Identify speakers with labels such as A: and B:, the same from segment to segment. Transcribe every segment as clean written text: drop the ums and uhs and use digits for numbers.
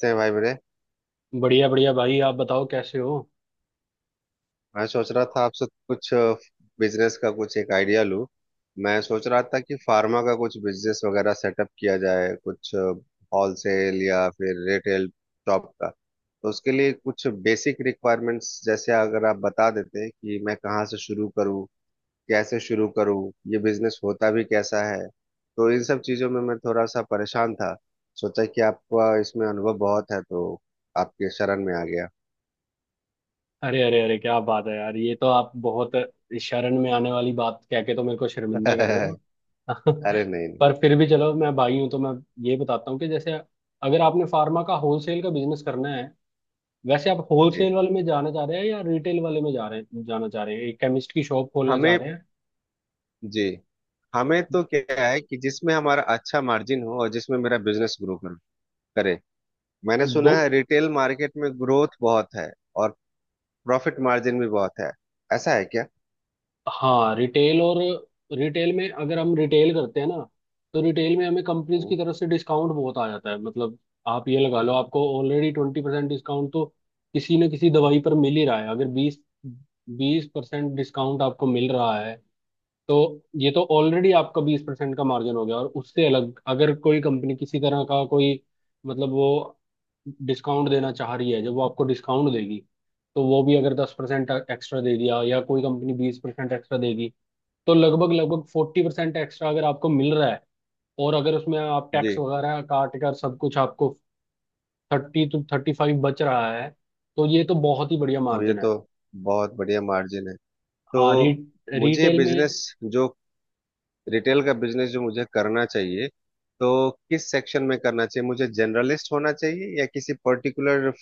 A: से हैं भाई मेरे।
B: बढ़िया बढ़िया भाई, आप बताओ कैसे हो?
A: मैं सोच रहा था आपसे कुछ बिजनेस का कुछ एक आइडिया लूं। मैं सोच रहा था कि फार्मा का कुछ बिजनेस वगैरह सेटअप किया जाए, कुछ होलसेल या फिर रिटेल शॉप का। तो उसके लिए कुछ बेसिक रिक्वायरमेंट्स, जैसे अगर आप बता देते कि मैं कहाँ से शुरू करूँ, कैसे शुरू करूँ, ये बिजनेस होता भी कैसा है। तो इन सब चीज़ों में मैं थोड़ा सा परेशान था। सोचा कि आपका इसमें अनुभव बहुत है, तो आपके शरण में आ गया।
B: अरे अरे अरे, क्या बात है यार। ये तो आप बहुत, शरण में आने वाली बात कह के तो मेरे को शर्मिंदा कर रहे हो।
A: अरे, नहीं नहीं।
B: पर फिर भी चलो, मैं भाई हूं तो मैं ये बताता हूँ कि जैसे, अगर आपने फार्मा का होलसेल का बिजनेस करना है। वैसे आप
A: जी।
B: होलसेल वाले में जाना चाह रहे हैं, या रिटेल वाले में जा रहे हैं जाना चाह रहे हैं, एक केमिस्ट की शॉप खोलना चाह
A: हमें।
B: रहे हैं?
A: जी। हमें तो क्या है कि जिसमें हमारा अच्छा मार्जिन हो और जिसमें मेरा बिजनेस ग्रो करे। मैंने
B: दो।
A: सुना है रिटेल मार्केट में ग्रोथ बहुत है और प्रॉफिट मार्जिन भी बहुत है। ऐसा है क्या?
B: हाँ, रिटेल और रिटेल में, अगर हम रिटेल करते हैं ना, तो रिटेल में हमें कंपनीज
A: हम्म।
B: की तरफ से डिस्काउंट बहुत आ जाता है। मतलब आप ये लगा लो, आपको ऑलरेडी 20% डिस्काउंट तो किसी न किसी दवाई पर मिल ही रहा है। अगर बीस बीस परसेंट डिस्काउंट आपको मिल रहा है, तो ये तो ऑलरेडी आपका 20% का मार्जिन हो गया। और उससे अलग, अगर कोई कंपनी किसी तरह का कोई, मतलब, वो डिस्काउंट देना चाह रही है, जब वो आपको डिस्काउंट देगी, तो वो भी अगर 10% एक्स्ट्रा दे दिया, या कोई कंपनी 20% एक्स्ट्रा देगी, तो लगभग लगभग 40% एक्स्ट्रा अगर आपको मिल रहा है, और अगर उसमें आप टैक्स
A: जी।
B: वगैरह काट कर सब कुछ, आपको 32-35 बच रहा है, तो ये तो बहुत ही बढ़िया
A: तो ये
B: मार्जिन
A: तो
B: है।
A: बहुत बढ़िया मार्जिन है। तो
B: हाँ,
A: मुझे
B: रिटेल में।
A: बिजनेस जो रिटेल का बिजनेस जो मुझे करना चाहिए, तो किस सेक्शन में करना चाहिए? मुझे जनरलिस्ट होना चाहिए या किसी पर्टिकुलर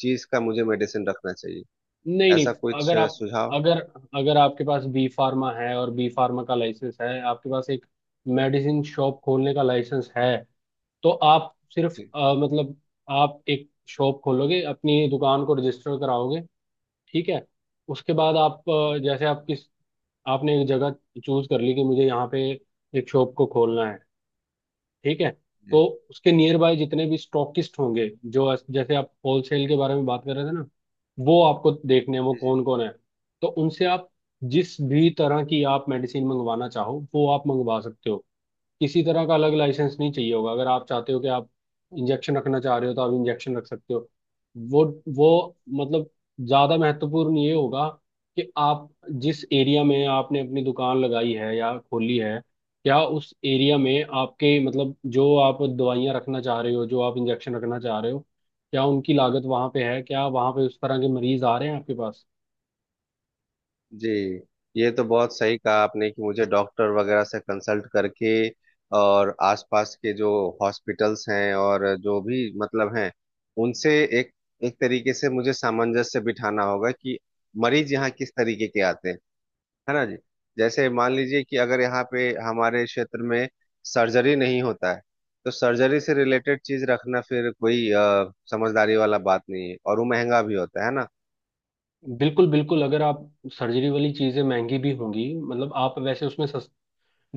A: चीज का मुझे मेडिसिन रखना चाहिए?
B: नहीं नहीं,
A: ऐसा कुछ
B: अगर आप
A: सुझाव।
B: अगर अगर आपके पास बी फार्मा है और बी फार्मा का लाइसेंस है, आपके पास एक मेडिसिन शॉप खोलने का लाइसेंस है, तो आप सिर्फ,
A: जी।
B: मतलब, आप एक शॉप खोलोगे, अपनी दुकान को रजिस्टर कराओगे। ठीक है। उसके बाद आप,
A: जी।
B: जैसे, आप किस आपने एक जगह चूज कर ली कि मुझे यहाँ पे एक शॉप को खोलना है। ठीक है। तो
A: जी।
B: उसके नियर बाय जितने भी स्टॉकिस्ट होंगे, जैसे आप होलसेल के बारे में बात कर रहे थे ना, वो आपको देखने हैं, वो
A: जी। जी।
B: कौन कौन है। तो उनसे आप, जिस भी तरह की आप मेडिसिन मंगवाना चाहो, वो आप मंगवा सकते हो। किसी तरह का अलग लाइसेंस नहीं चाहिए होगा। अगर आप चाहते हो कि आप इंजेक्शन रखना चाह रहे हो, तो आप इंजेक्शन रख सकते हो। वो वो मतलब, ज्यादा महत्वपूर्ण ये होगा कि आप, जिस एरिया में आपने अपनी दुकान लगाई है या खोली है, क्या उस एरिया में आपके, मतलब, जो आप दवाइयाँ रखना चाह रहे हो, जो आप इंजेक्शन रखना चाह रहे हो, क्या उनकी लागत वहाँ पे है? क्या वहाँ पे उस तरह के मरीज आ रहे हैं आपके पास?
A: जी, ये तो बहुत सही कहा आपने कि मुझे डॉक्टर वगैरह से कंसल्ट करके और आसपास के जो हॉस्पिटल्स हैं और जो भी मतलब हैं, उनसे एक एक तरीके से मुझे सामंजस्य बिठाना होगा कि मरीज यहाँ किस तरीके के आते हैं, है ना जी। जैसे मान लीजिए कि अगर यहाँ पे हमारे क्षेत्र में सर्जरी नहीं होता है, तो सर्जरी से रिलेटेड चीज रखना फिर कोई समझदारी वाला बात नहीं है, और वो महंगा भी होता है ना।
B: बिल्कुल बिल्कुल। अगर आप सर्जरी वाली चीज़ें महंगी भी होंगी, मतलब आप वैसे उसमें सस्ती।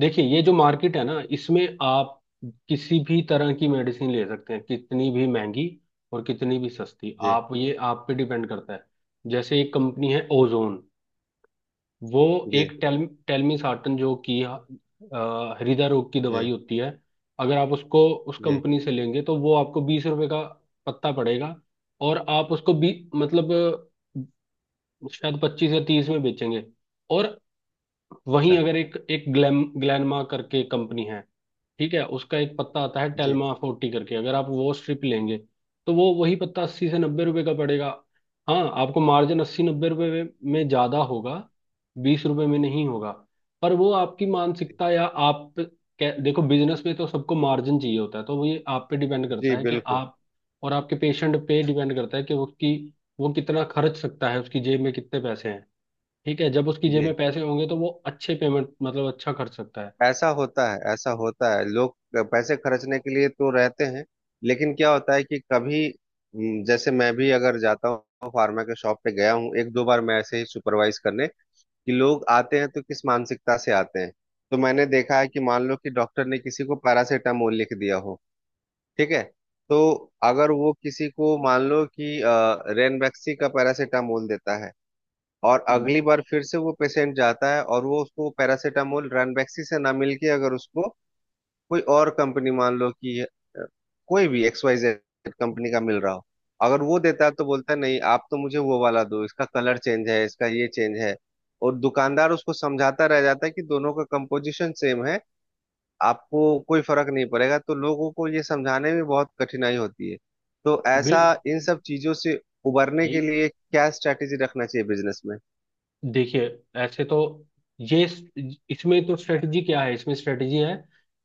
B: देखिए, ये जो मार्केट है ना, इसमें आप किसी भी तरह की मेडिसिन ले सकते हैं, कितनी भी महंगी और कितनी भी सस्ती,
A: जी।
B: आप, ये आप पे डिपेंड करता है। जैसे एक कंपनी है ओजोन, वो,
A: जी।
B: एक टेलमिसार्टन, जो कि, हृदय रोग की
A: जी।
B: दवाई होती है, अगर आप उसको उस
A: जी।
B: कंपनी से लेंगे तो वो आपको 20 रुपए का पत्ता पड़ेगा। और आप उसको, बी मतलब, शायद 25 या 30 में बेचेंगे। और वहीं
A: अच्छा।
B: अगर, एक एक ग्लैम ग्लैनमा करके कंपनी है, ठीक है, उसका एक पत्ता आता है
A: जी।
B: Telma 40 करके, अगर आप वो स्ट्रिप लेंगे तो वो वही पत्ता 80 से 90 रुपए का पड़ेगा। हाँ, आपको मार्जिन 80-90 रुपए में ज्यादा होगा, बीस रुपए में नहीं होगा। पर वो आपकी मानसिकता, या देखो, बिजनेस में तो सबको मार्जिन चाहिए होता है, तो वो, ये आप पे डिपेंड
A: जी।
B: करता है कि
A: बिल्कुल
B: आप, और आपके पेशेंट पे डिपेंड करता है कि उसकी, वो कितना खर्च सकता है, उसकी जेब में कितने पैसे हैं। ठीक है। जब उसकी जेब
A: जी।
B: में पैसे होंगे तो वो, अच्छे पेमेंट मतलब, अच्छा खर्च सकता है।
A: ऐसा होता है, ऐसा होता है, लोग पैसे खर्चने के लिए तो रहते हैं। लेकिन क्या होता है कि कभी जैसे मैं भी अगर जाता हूँ, फार्मा के शॉप पे गया हूँ एक दो बार, मैं ऐसे ही सुपरवाइज करने, कि लोग आते हैं तो किस मानसिकता से आते हैं। तो मैंने देखा है कि मान लो कि डॉक्टर ने किसी को पैरासीटामोल लिख दिया हो। ठीक है। तो अगर वो किसी को मान लो कि रेनबैक्सी का पैरासीटामोल देता है, और
B: बिल
A: अगली बार फिर से वो पेशेंट जाता है और वो उसको पैरासीटामोल रैनबैक्सी से ना मिलके अगर उसको कोई और कंपनी, मान लो कि कोई भी एक्स वाई जेड कंपनी का मिल रहा हो, अगर वो देता है तो बोलता है, नहीं आप तो मुझे वो वाला दो, इसका कलर चेंज है, इसका ये चेंज है। और दुकानदार उसको समझाता रह जाता है कि दोनों का कंपोजिशन सेम है, आपको कोई फर्क नहीं पड़ेगा। तो लोगों को ये समझाने में बहुत कठिनाई होती है। तो ऐसा
B: बिल-
A: इन सब चीजों से उबरने
B: ये,
A: के लिए क्या स्ट्रैटेजी रखना चाहिए बिजनेस में?
B: देखिए, ऐसे तो, ये, इसमें तो स्ट्रेटजी क्या है? इसमें स्ट्रेटजी है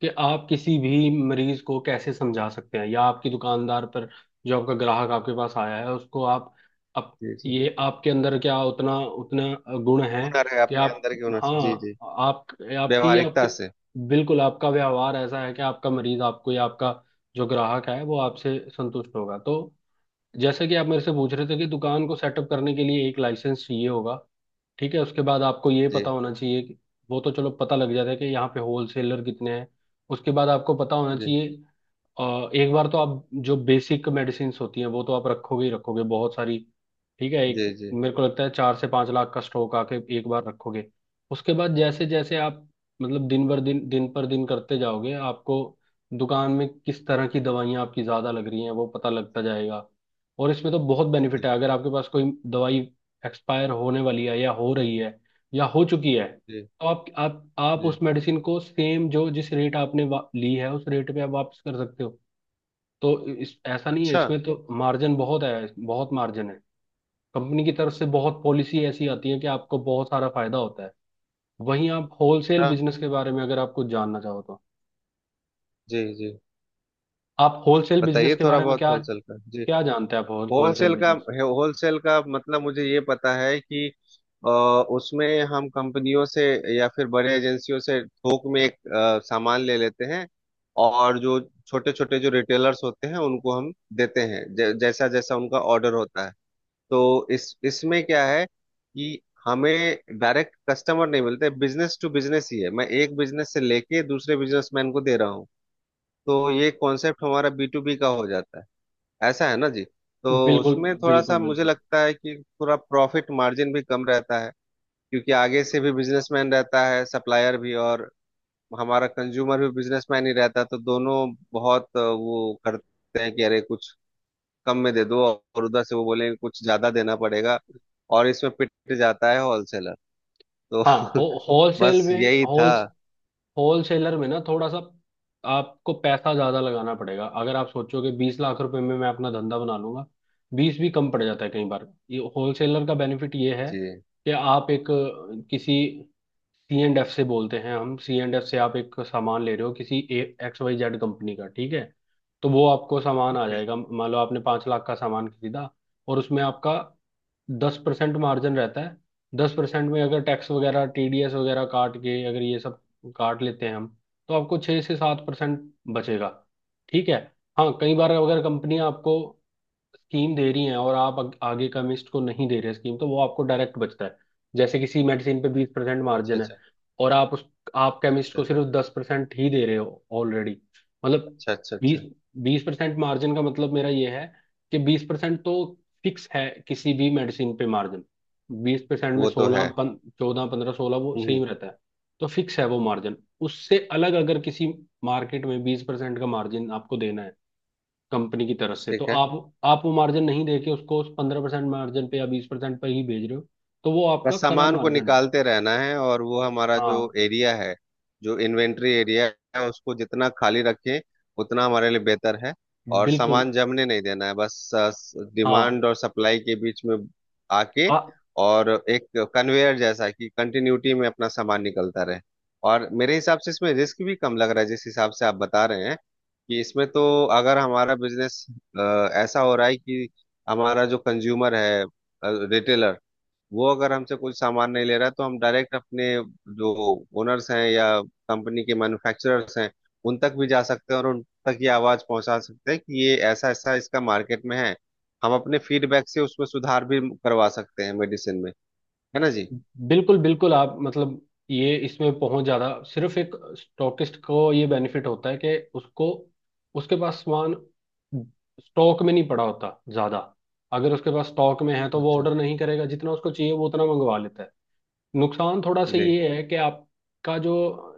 B: कि आप किसी भी मरीज को कैसे समझा सकते हैं, या आपकी, दुकानदार पर जो आपका ग्राहक आपके पास आया है, उसको आप
A: जी। जी।
B: ये आपके अंदर क्या उतना उतना गुण है
A: हुनर है,
B: कि
A: अपने
B: आप,
A: अंदर के हुनर से।
B: हाँ,
A: जी। जी।
B: आप आपकी आपके
A: व्यवहारिकता से।
B: बिल्कुल, आपका व्यवहार ऐसा है कि आपका मरीज आपको, या आपका जो ग्राहक है वो आपसे संतुष्ट होगा। तो जैसे कि आप मेरे से पूछ रहे थे कि दुकान को सेटअप करने के लिए एक लाइसेंस चाहिए होगा, ठीक है, उसके बाद आपको ये
A: जी।
B: पता होना चाहिए कि, वो तो चलो पता लग जाता है कि यहाँ पे होलसेलर कितने हैं। उसके बाद आपको पता होना
A: जी।
B: चाहिए, एक बार तो आप जो बेसिक मेडिसिन होती हैं वो तो आप रखोगे ही रखोगे बहुत सारी। ठीक है। एक
A: जी। जी।
B: मेरे को लगता है, 4 से 5 लाख का स्टॉक आके एक बार रखोगे। उसके बाद जैसे जैसे आप, मतलब, दिन पर दिन करते जाओगे, आपको दुकान में किस तरह की दवाइयाँ आपकी ज़्यादा लग रही हैं वो पता लगता जाएगा। और इसमें तो बहुत बेनिफिट
A: जी।
B: है। अगर आपके पास कोई दवाई एक्सपायर होने वाली है, या हो रही है, या हो चुकी है,
A: जी।
B: तो, आप उस
A: जी।
B: मेडिसिन को सेम, जो जिस रेट आपने ली है, उस रेट पे आप वापस कर सकते हो। तो इस ऐसा नहीं है,
A: अच्छा।
B: इसमें तो मार्जिन बहुत है, बहुत मार्जिन है। कंपनी की तरफ से बहुत पॉलिसी ऐसी आती है कि आपको बहुत सारा फायदा होता है। वहीं आप होलसेल
A: हाँ
B: बिजनेस के बारे में अगर आप कुछ जानना चाहो तो,
A: जी। जी
B: आप होलसेल बिजनेस
A: बताइए,
B: के
A: थोड़ा
B: बारे में
A: बहुत
B: क्या
A: होलसेल
B: क्या
A: का जी।
B: जानते हैं आप? होलसेल
A: होलसेल का।
B: बिजनेस।
A: होलसेल का मतलब मुझे ये पता है कि अ, उसमें हम कंपनियों से या फिर बड़े एजेंसियों से थोक में एक सामान ले लेते हैं। और जो छोटे छोटे जो रिटेलर्स होते हैं, उनको हम देते हैं जैसा जैसा उनका ऑर्डर होता है। तो इस इसमें क्या है कि हमें डायरेक्ट कस्टमर नहीं मिलते, बिजनेस टू बिजनेस ही है, मैं एक बिजनेस से लेके दूसरे बिजनेसमैन को दे रहा हूँ। तो ये कॉन्सेप्ट हमारा बी टू बी का हो जाता है, ऐसा है ना जी। तो
B: बिल्कुल
A: उसमें थोड़ा सा
B: बिल्कुल
A: मुझे
B: बिल्कुल।
A: लगता है कि थोड़ा प्रॉफिट मार्जिन भी कम रहता है, क्योंकि आगे से भी बिजनेसमैन रहता है, सप्लायर भी, और हमारा कंज्यूमर भी बिजनेसमैन ही रहता है। तो दोनों बहुत वो करते हैं कि अरे कुछ कम में दे दो, और उधर से वो बोलेंगे कुछ ज्यादा देना पड़ेगा, और इसमें पिट जाता है होलसेलर। तो।
B: हाँ, होलसेल
A: बस
B: में,
A: यही था
B: होल होलसेलर में ना, थोड़ा सा आपको पैसा ज्यादा लगाना पड़ेगा। अगर आप सोचोगे 20 लाख रुपए में मैं अपना धंधा बना लूंगा, 20 भी कम पड़ जाता है कई बार। ये होलसेलर का बेनिफिट ये है
A: जी।
B: कि आप एक, किसी सी एंड एफ से, बोलते हैं हम, सी एंड एफ से आप एक सामान ले रहे हो किसी एक्स वाई जेड कंपनी का, ठीक है। तो वो आपको सामान आ जाएगा। मान लो आपने 5 लाख का सामान खरीदा, और उसमें आपका 10% मार्जिन रहता है। 10% में अगर टैक्स वगैरह, टीडीएस वगैरह काट के, अगर ये सब काट लेते हैं हम, तो आपको 6 से 7% बचेगा। ठीक है। हाँ, कई बार अगर कंपनियां आपको स्कीम दे रही हैं, और आप आगे का मिस्ट को नहीं दे रहे स्कीम, तो वो आपको डायरेक्ट बचता है। जैसे किसी मेडिसिन पे 20%
A: अच्छा,
B: मार्जिन है,
A: अच्छा,
B: और आप केमिस्ट
A: अच्छा।
B: को सिर्फ 10% ही दे रहे हो ऑलरेडी। मतलब,
A: अच्छा, अच्छा,
B: बीस
A: अच्छा।
B: बीस परसेंट मार्जिन का मतलब मेरा ये है कि 20% तो फिक्स है किसी भी मेडिसिन पे मार्जिन। 20% में,
A: वो तो
B: सोलह
A: है।
B: पन 14 15 16, वो
A: हम्म।
B: सेम रहता है। तो फिक्स है वो मार्जिन। उससे अलग अगर किसी मार्केट में 20% का मार्जिन आपको देना है कंपनी की तरफ से, तो
A: ठीक है,
B: आप वो मार्जिन नहीं देके उसको 15% मार्जिन पे, या 20% पे ही भेज रहे हो, तो वो आपका
A: बस
B: खरा
A: सामान को
B: मार्जिन है।
A: निकालते रहना है, और वो हमारा जो
B: हाँ,
A: एरिया है, जो इन्वेंट्री एरिया है, उसको जितना खाली रखें उतना हमारे लिए बेहतर है, और
B: बिल्कुल।
A: सामान जमने नहीं देना है बस।
B: हाँ,
A: डिमांड और सप्लाई के बीच में आके,
B: आ,
A: और एक कन्वेयर जैसा, कि कंटिन्यूटी में अपना सामान निकलता रहे। और मेरे हिसाब से इसमें रिस्क भी कम लग रहा है, जिस हिसाब से आप बता रहे हैं कि इसमें तो, अगर हमारा बिजनेस ऐसा हो रहा है कि हमारा जो कंज्यूमर है, रिटेलर, वो अगर हमसे कोई सामान नहीं ले रहा है, तो हम डायरेक्ट अपने जो ओनर्स हैं या कंपनी के मैन्युफैक्चरर्स हैं, उन तक भी जा सकते हैं और उन तक ये आवाज पहुंचा सकते हैं कि ये ऐसा ऐसा इसका मार्केट में है। हम अपने फीडबैक से उसमें सुधार भी करवा सकते हैं मेडिसिन में, है ना जी।
B: बिल्कुल बिल्कुल। आप, मतलब, ये, इसमें पहुंच ज्यादा, सिर्फ एक स्टॉकिस्ट को ये बेनिफिट होता है कि उसको, उसके पास सामान स्टॉक में नहीं पड़ा होता ज्यादा। अगर उसके पास स्टॉक में है तो वो
A: अच्छा
B: ऑर्डर नहीं करेगा, जितना उसको चाहिए वो उतना मंगवा लेता है। नुकसान थोड़ा सा
A: जी।
B: ये है कि आपका जो,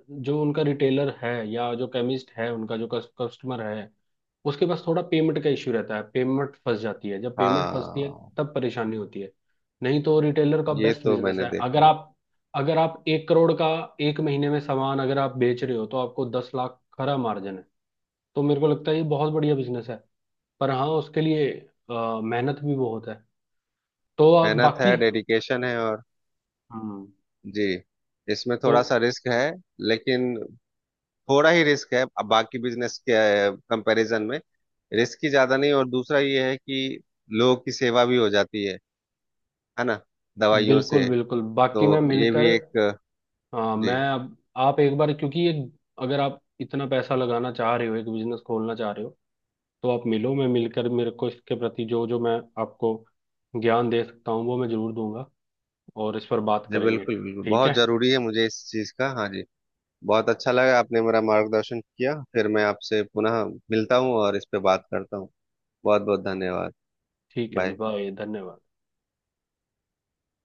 B: जो उनका रिटेलर है या जो केमिस्ट है, उनका जो कस्टमर है, उसके पास थोड़ा पेमेंट का इश्यू रहता है, पेमेंट फंस जाती है। जब पेमेंट फंसती है
A: हाँ,
B: तब परेशानी होती है। नहीं तो रिटेलर का
A: ये
B: बेस्ट
A: तो
B: बिजनेस
A: मैंने
B: है।
A: देखा
B: अगर
A: है।
B: आप अगर आप 1 करोड़ का एक महीने में सामान अगर आप बेच रहे हो, तो आपको 10 लाख खरा मार्जिन है। तो मेरे को लगता है ये बहुत बढ़िया बिजनेस है। पर हाँ उसके लिए, मेहनत भी बहुत है। तो आप
A: मेहनत
B: बाकी,
A: है, डेडिकेशन है, और
B: हम्म
A: जी, इसमें
B: तो,
A: थोड़ा सा रिस्क है, लेकिन थोड़ा ही रिस्क है, अब बाकी बिजनेस के कंपैरिजन में रिस्क ही ज्यादा नहीं। और दूसरा ये है कि लोगों की सेवा भी हो जाती है ना, दवाइयों
B: बिल्कुल
A: से।
B: बिल्कुल।
A: तो
B: बाकी मैं
A: ये भी
B: मिलकर,
A: एक
B: हाँ, मैं
A: जी।
B: अब, आप एक बार, क्योंकि ये, अगर आप इतना पैसा लगाना चाह रहे हो, एक बिजनेस खोलना चाह रहे हो, तो आप मिलो। मैं मिलकर, मेरे को इसके प्रति जो जो मैं आपको ज्ञान दे सकता हूँ, वो मैं जरूर दूंगा। और इस पर बात
A: जी।
B: करेंगे।
A: बिल्कुल बिल्कुल
B: ठीक है।
A: बहुत जरूरी है मुझे इस चीज का। हाँ जी। बहुत अच्छा लगा, आपने मेरा मार्गदर्शन किया। फिर मैं आपसे पुनः मिलता हूँ और इस पे बात करता हूँ। बहुत बहुत धन्यवाद।
B: ठीक है जी,
A: बाय।
B: बाय, धन्यवाद।